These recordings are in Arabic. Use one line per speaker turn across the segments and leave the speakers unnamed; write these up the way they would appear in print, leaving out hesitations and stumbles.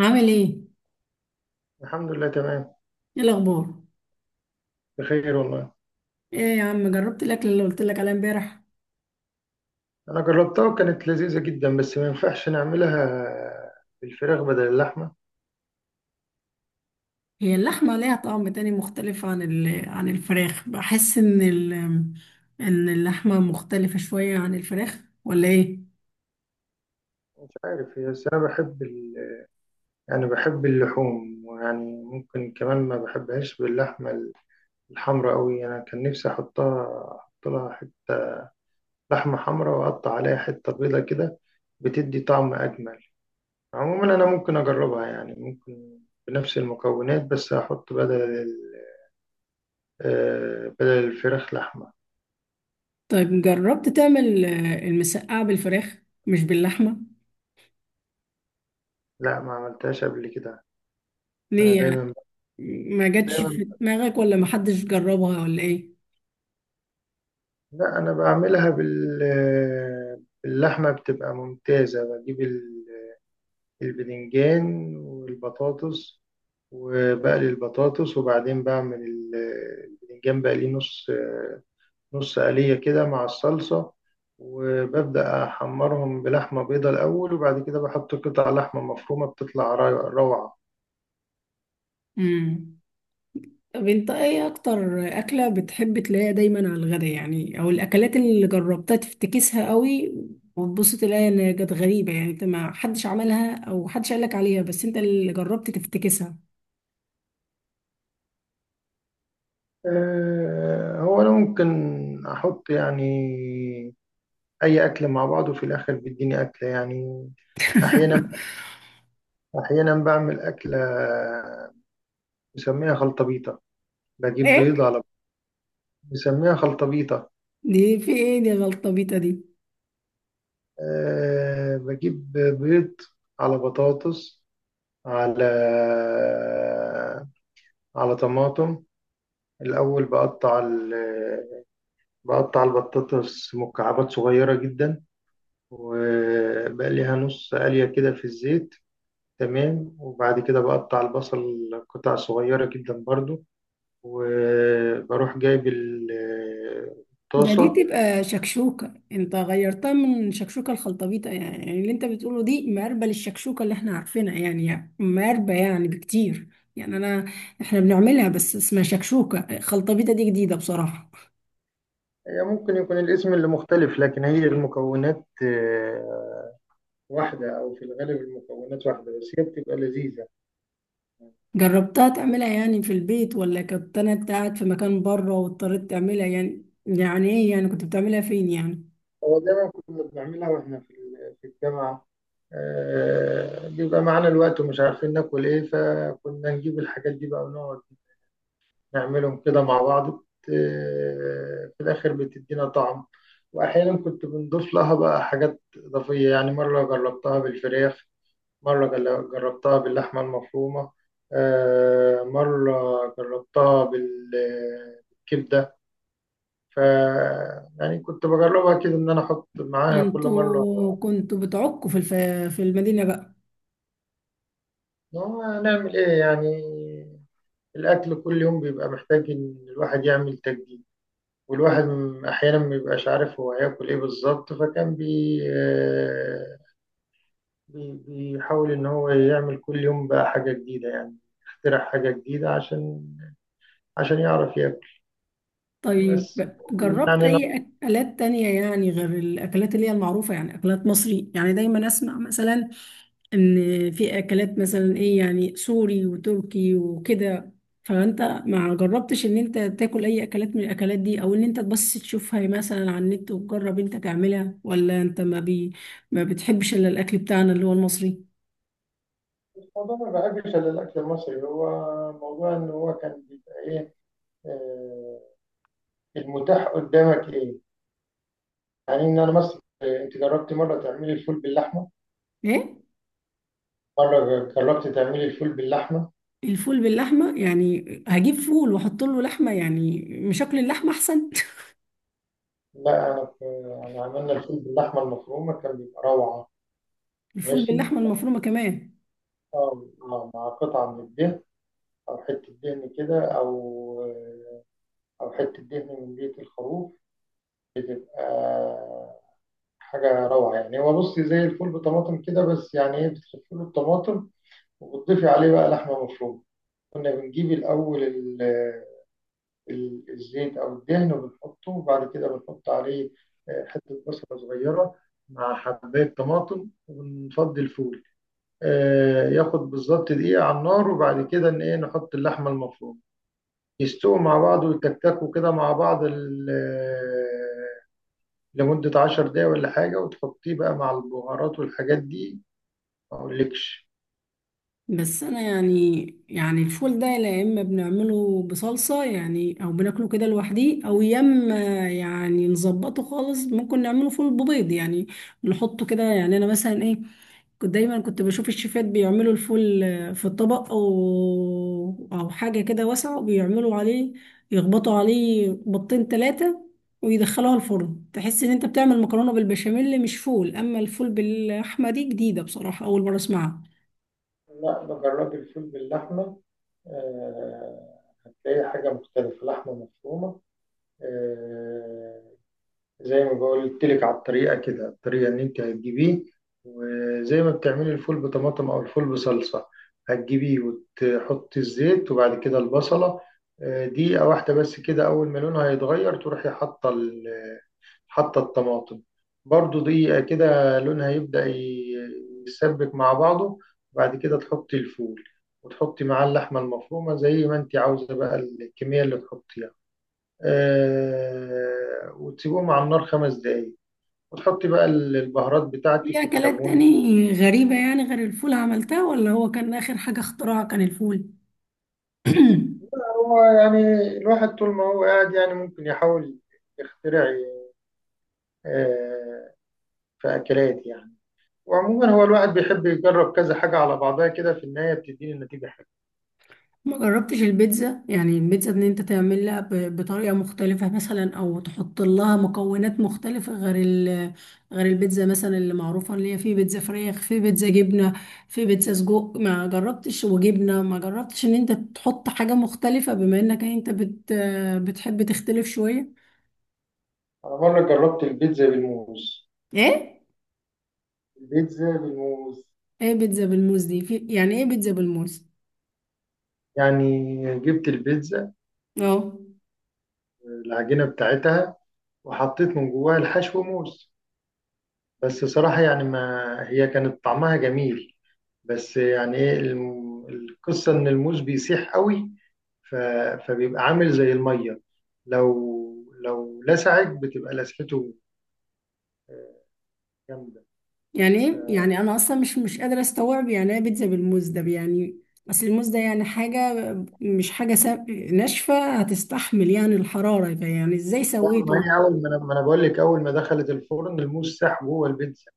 عامل ايه؟
الحمد لله تمام.
ايه الاخبار؟
بخير والله.
ايه يا عم، جربت الاكل اللي قلت لك عليه امبارح؟
انا جربتها وكانت لذيذه جدا، بس ما ينفعش نعملها بالفراخ بدل اللحمه.
هي اللحمه ليها طعم تاني مختلف عن عن الفراخ. بحس ان ان اللحمه مختلفه شويه عن الفراخ ولا ايه؟
مش عارف، هي بس انا بحب يعني بحب اللحوم، ويعني ممكن كمان ما بحبهاش باللحمه الحمراء قوي. انا كان نفسي احطها احط لها حته لحمه حمراء، واقطع عليها حته بيضه كده، بتدي طعم اجمل. عموما انا ممكن اجربها، يعني ممكن بنفس المكونات، بس احط بدل ال... آه، بدل الفراخ لحمه.
طيب جربت تعمل المسقعه بالفراخ مش باللحمه؟
لا ما عملتهاش قبل كده. انا
ليه يعني؟
دايما.
ما جاتش
دايما.
في دماغك ولا ما حدش جربها ولا ايه؟
لا انا بعملها باللحمه بتبقى ممتازه. بجيب البدنجان والبطاطس، وبقلي البطاطس، وبعدين بعمل البدنجان. بقليه نص قليه كده مع الصلصه. وببدأ أحمرهم بلحمة بيضة الأول، وبعد كده بحط قطع لحمة مفرومة، بتطلع روعة.
امم طب انت ايه اكتر اكلة بتحب تلاقيها دايما على الغدا يعني، او الاكلات اللي جربتها تفتكسها قوي وتبص تلاقي ان كانت غريبة، يعني انت ما حدش عملها او حدش قالك عليها بس انت اللي جربت تفتكسها.
هو أنا ممكن أحط يعني اي اكل مع بعض، وفي الاخر بيديني اكل يعني. احيانا. بعمل اكله مسميها خلطبيطه. بجيب
ايه
بيض على. مسميها خلطبيطه.
دي؟ في ايه دي؟ غلطة بيتا دي؟
أه بجيب بيض على بطاطس، على طماطم. الاول بقطع بقطع البطاطس مكعبات صغيره جدا، وبقليها نص قليه كده في الزيت. تمام. وبعد كده بقطع البصل قطع صغيرة جدا برضو، وبروح جايب
دي
الطاسة.
تبقى شكشوكة، انت غيرتها من شكشوكة الخلطبيطة. يعني اللي انت بتقوله دي مقربة للشكشوكة اللي احنا عارفينها، يعني مقربة يعني بكتير. يعني انا، احنا بنعملها بس اسمها شكشوكة. خلطبيطة دي جديدة بصراحة.
هي ممكن يكون الاسم اللي مختلف، لكن هي المكونات واحدة، أو في الغالب المكونات واحدة، بس هي بتبقى لذيذة.
جربتها تعملها يعني في البيت، ولا كنت انا قاعد في مكان بره واضطريت تعملها؟ يعني ايه يعني؟ كنت بتعملها فين يعني؟
هو دايما كنا بنعملها واحنا في الجامعة. بيبقى معانا الوقت ومش عارفين ناكل ايه، فكنا نجيب الحاجات دي بقى ونقعد نعملهم كده مع بعض في الآخر بتدينا طعم. وأحيانا كنت بنضيف لها بقى حاجات إضافية، يعني مرة جربتها بالفراخ، مرة جربتها باللحمة المفرومة، مرة جربتها بالكبدة. ف يعني كنت بجربها كده، إن أنا أحط معاها كل مرة.
انتوا كنتوا بتعكوا في المدينة بقى؟
هو هنعمل إيه يعني؟ الأكل كل يوم بيبقى محتاج إن الواحد يعمل تجديد، والواحد أحيانا ما بيبقاش عارف هو هياكل إيه بالظبط، فكان بيحاول إن هو يعمل كل يوم بقى حاجة جديدة يعني. يخترع حاجة جديدة عشان يعرف ياكل.
طيب
بس
جربت
يعني أنا.
أي أكلات تانية يعني، غير الأكلات اللي هي المعروفة، يعني أكلات مصري؟ يعني دايما أسمع مثلا إن في أكلات مثلا إيه؟ يعني سوري وتركي وكده. فأنت ما جربتش إن أنت تاكل أي أكلات من الأكلات دي، أو إن أنت بس تشوفها مثلا على النت وتجرب أنت تعملها، ولا أنت ما بتحبش إلا الأكل بتاعنا اللي هو المصري؟
الموضوع ما بحبش إلا الأكل المصري، هو موضوع إن هو كان بيبقى إيه، آه، المتاح قدامك إيه. يعني إن أنا مثلا، أنت جربت مرة تعملي الفول باللحمة؟
إيه؟
مرة جربت تعملي الفول باللحمة؟
الفول باللحمة يعني هجيب فول وأحط له لحمة؟ يعني مش أكل اللحمة أحسن؟
لا أنا في يعني عملنا الفول باللحمة المفرومة، كان بيبقى روعة.
الفول
ماشي.
باللحمة المفرومة كمان؟
مع قطعة من الدهن، أو حتة دهن كده، أو حتة دهن من بيت الخروف. آه، حاجة روعة. يعني هو بصي، زي الفول بطماطم كده، بس يعني إيه، بتخفي له الطماطم، وبتضيفي عليه بقى لحمة مفرومة. كنا بنجيب الأول الزيت أو الدهن، وبنحطه، وبعد كده بنحط عليه حتة بصلة صغيرة مع حباية طماطم، ونفضي الفول. ياخد بالظبط دقيقة على النار، وبعد كده إن إيه نحط اللحمة المفرومة، يستووا مع بعض ويتكتكوا كده مع بعض لمدة 10 دقايق ولا حاجة، وتحطيه بقى مع البهارات والحاجات دي، ما أقولكش.
بس أنا يعني، يعني الفول ده يا إما بنعمله بصلصة يعني، أو بناكله كده لوحديه، أو يا إما يعني نظبطه خالص. ممكن نعمله فول ببيض يعني. نحطه كده يعني. أنا مثلا إيه، كنت دايما بشوف الشيفات بيعملوا الفول في الطبق او حاجه كده واسعه، وبيعملوا عليه، يخبطوا عليه بيضتين ثلاثه، ويدخلوها الفرن. تحس ان انت بتعمل مكرونه بالبشاميل مش فول. اما الفول باللحمه دي جديده بصراحه، اول مره اسمعها.
لا بجرب الفول باللحمة، آه، هتلاقي حاجة مختلفة، لحمة مفرومة. آه، زي ما قلت لك على الطريقه كده، الطريقه ان انت هتجيبيه، وزي ما بتعملي الفول بطماطم او الفول بصلصه، هتجيبيه وتحطي الزيت، وبعد كده البصله. دقيقه واحده بس كده، اول ما لونها هيتغير تروحي حاطه حاطه الطماطم، برضو دقيقه كده لونها يبدا يسبك مع بعضه. وبعد كده تحطي الفول، وتحطي معاه اللحمه المفرومه زي ما انت عاوزه بقى، الكميه اللي تحطيها. وتسيبهم على النار 5 دقايق، وتحطي بقى البهارات
في
بتاعتك،
اكلات
الكمون.
تاني غريبه يعني غير الفول عملتها، ولا هو كان اخر حاجه اختراع كان الفول؟
هو يعني الواحد طول ما هو قاعد يعني ممكن يحاول يخترع، آه، في أكلات يعني. وعموما هو الواحد بيحب يجرب كذا حاجة على بعضها كده، في النهاية بتديني النتيجة حلوة.
ما جربتش البيتزا؟ يعني البيتزا ان انت تعملها بطريقة مختلفة مثلا، او تحط لها مكونات مختلفة غير ال، غير البيتزا مثلا اللي معروفة، اللي هي في بيتزا فراخ، في بيتزا جبنة، في بيتزا سجق. ما جربتش؟ وجبنة ما جربتش ان انت تحط حاجة مختلفة، بما انك انت بتحب تختلف شوية؟
أنا مرة جربت البيتزا بالموز.
ايه؟
البيتزا بالموز.
ايه بيتزا بالموز دي؟ في يعني ايه بيتزا بالموز؟
يعني جبت البيتزا،
اه.
العجينة بتاعتها، وحطيت من جواها الحشو موز. بس صراحة يعني ما هي كانت طعمها جميل، بس يعني ايه، القصة ان الموز بيسيح قوي. ف... فبيبقى عامل زي المية. لو لسعت بتبقى لسعته جامدة.
يعني ايه يعني؟ انا اصلا مش قادره استوعب يعني ايه بيتزا بالموز ده يعني. اصل الموز ده يعني حاجه، مش حاجه ناشفه. هتستحمل يعني الحراره؟ يعني ازاي
ما
سويته؟
هي اول ما انا ما أنا بقول لك، اول ما دخلت الفرن الموز ساح جوه البيتزا،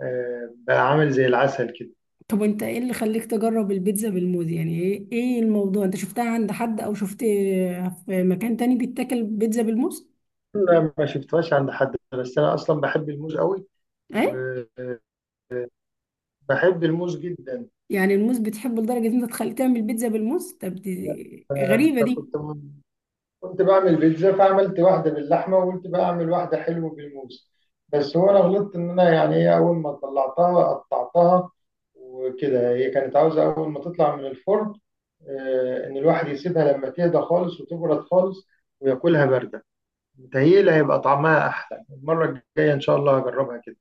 بقى عامل زي العسل كده.
طب انت ايه اللي خليك تجرب البيتزا بالموز؟ يعني ايه، ايه الموضوع؟ انت شفتها عند حد، او شفت في مكان تاني بيتاكل بيتزا بالموز؟
لا ما شفتهاش عند حد، بس انا اصلا بحب الموز قوي،
ايه؟
وبحب الموز جدا.
يعني الموز بتحبه لدرجه ان انت تخلي تعمل بيتزا بالموز؟ طب دي غريبه دي.
فكنت بعمل بيتزا، فعملت واحدة باللحمة، وقلت بقى أعمل واحدة حلوة بالموز. بس هو أنا غلطت، إن أنا يعني إيه أول ما طلعتها قطعتها، وكده هي كانت عاوزة أول ما تطلع من الفرن إن الواحد يسيبها لما تهدى خالص وتبرد خالص وياكلها باردة. متهيألي هيبقى طعمها أحلى، المرة الجاية إن شاء الله هجربها كده.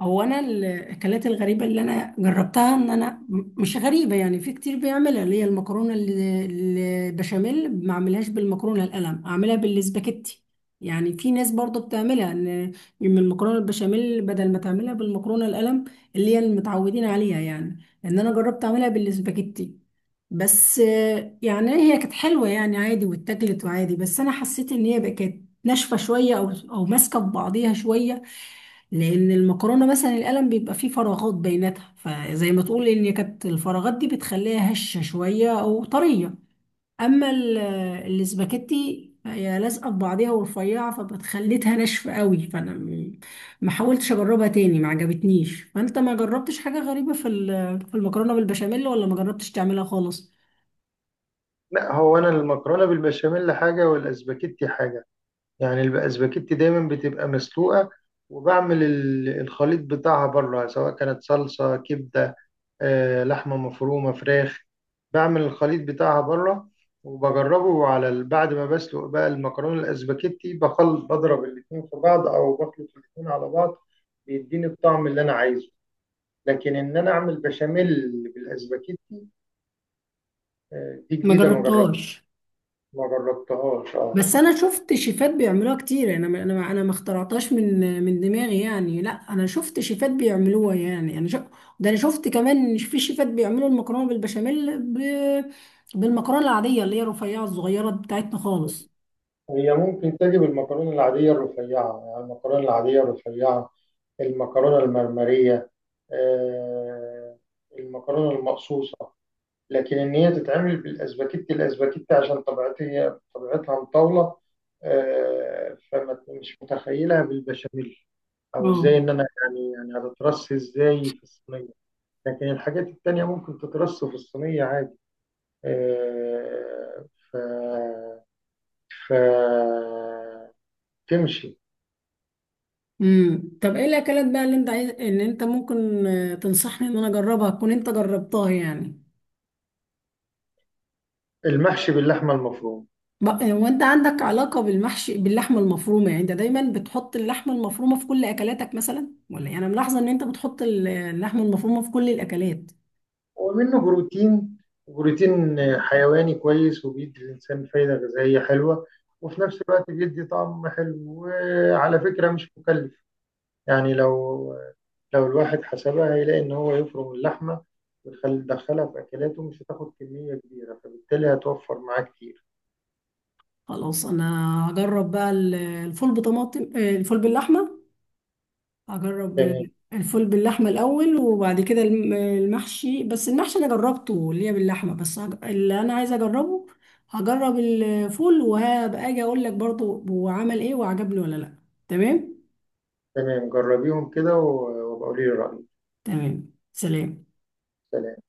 هو انا الاكلات الغريبه اللي انا جربتها ان انا مش غريبه، يعني في كتير بيعملها، اللي هي المكرونه البشاميل. ما اعملهاش بالمكرونه القلم، اعملها بالسباكيتي. يعني في ناس برضو بتعملها ان من المكرونه البشاميل، بدل ما تعملها بالمكرونه القلم اللي هي المتعودين عليها. يعني لان انا جربت اعملها بالسباكيتي، بس يعني هي كانت حلوه يعني عادي، واتاكلت وعادي، بس انا حسيت ان هي بقت ناشفه شويه، او ماسكه في بعضيها شويه، لان المكرونه مثلا القلم بيبقى فيه فراغات بيناتها، فزي ما تقول ان كانت الفراغات دي بتخليها هشه شويه او طريه. اما الاسباجيتي هي لازقه في بعضيها ورفيعه، فبتخليتها ناشفه قوي. فانا ما حاولتش اجربها تاني، ما عجبتنيش. فانت ما جربتش حاجه غريبه في في المكرونه بالبشاميل، ولا ما جربتش تعملها خالص؟
لا هو أنا المكرونة بالبشاميل حاجة، والأسباجيتي حاجة. يعني الاسباجيتي دايما بتبقى مسلوقه، وبعمل الخليط بتاعها بره، سواء كانت صلصه، كبده، لحمه مفرومه، فراخ. بعمل الخليط بتاعها بره، وبجربه على بعد ما بسلق بقى المكرونه الاسباجيتي، بضرب الاتنين في بعض، او بخلط الاتنين على بعض، بيديني الطعم اللي انا عايزه. لكن ان انا اعمل بشاميل بالاسباجيتي، دي
ما
جديده ما جربت.
جربتهاش؟
ما جربتهاش اه.
بس انا شفت شيفات بيعملوها كتير، يعني انا ما اخترعتهاش من دماغي يعني. لا، انا شفت شيفات بيعملوها، يعني ده انا شفت كمان إن في شيفات بيعملوا المكرونه بالبشاميل، بالمكرونه العاديه اللي هي رفيعه، الصغيره بتاعتنا خالص.
هي ممكن تجيب المكرونة العادية الرفيعة، يعني المكرونة العادية الرفيعة، المكرونة المرمرية، آه، المكرونة المقصوصة. لكن إن هي تتعمل بالأسباجيتي، الأسباجيتي عشان طبيعتها، هي طبيعتها مطاولة، فما مش متخيلها بالبشاميل، أو إزاي
اه.
إن أنا يعني هتترص إزاي في الصينية؟ لكن الحاجات التانية ممكن تترص في الصينية عادي. آه، ف ف تمشي.
طب ايه الاكلات بقى اللي انت عايز ان انت ممكن تنصحني ان انا اجربها، تكون انت جربتها يعني؟
المحشي باللحمة المفرومة.
هو انت عندك علاقة بالمحشي باللحمة المفرومة؟ يعني انت دايما بتحط اللحمة المفرومة في كل اكلاتك مثلا؟ ولا يعني انا ملاحظة ان انت بتحط اللحمة المفرومة في كل الاكلات.
ومنه بروتين حيواني كويس، وبيدي الإنسان فايدة غذائية حلوة، وفي نفس الوقت بيدي طعم حلو، وعلى فكرة مش مكلف. يعني لو الواحد حسبها، هيلاقي إن هو يفرم اللحمة ويدخلها في أكلاته، مش هتاخد كمية كبيرة، فبالتالي هتوفر معاه كتير.
خلاص انا هجرب بقى الفول بطماطم، الفول باللحمة. هجرب
تمام.
الفول باللحمة الاول، وبعد كده المحشي. بس المحشي انا جربته اللي هي باللحمة، بس اللي انا عايزة اجربه هجرب الفول، وهبقى اجي اقول لك برضه هو عمل ايه وعجبني ولا لا. تمام.
تمام جربيهم كده وبقولي لي رأيك.
تمام، سلام.
سلام.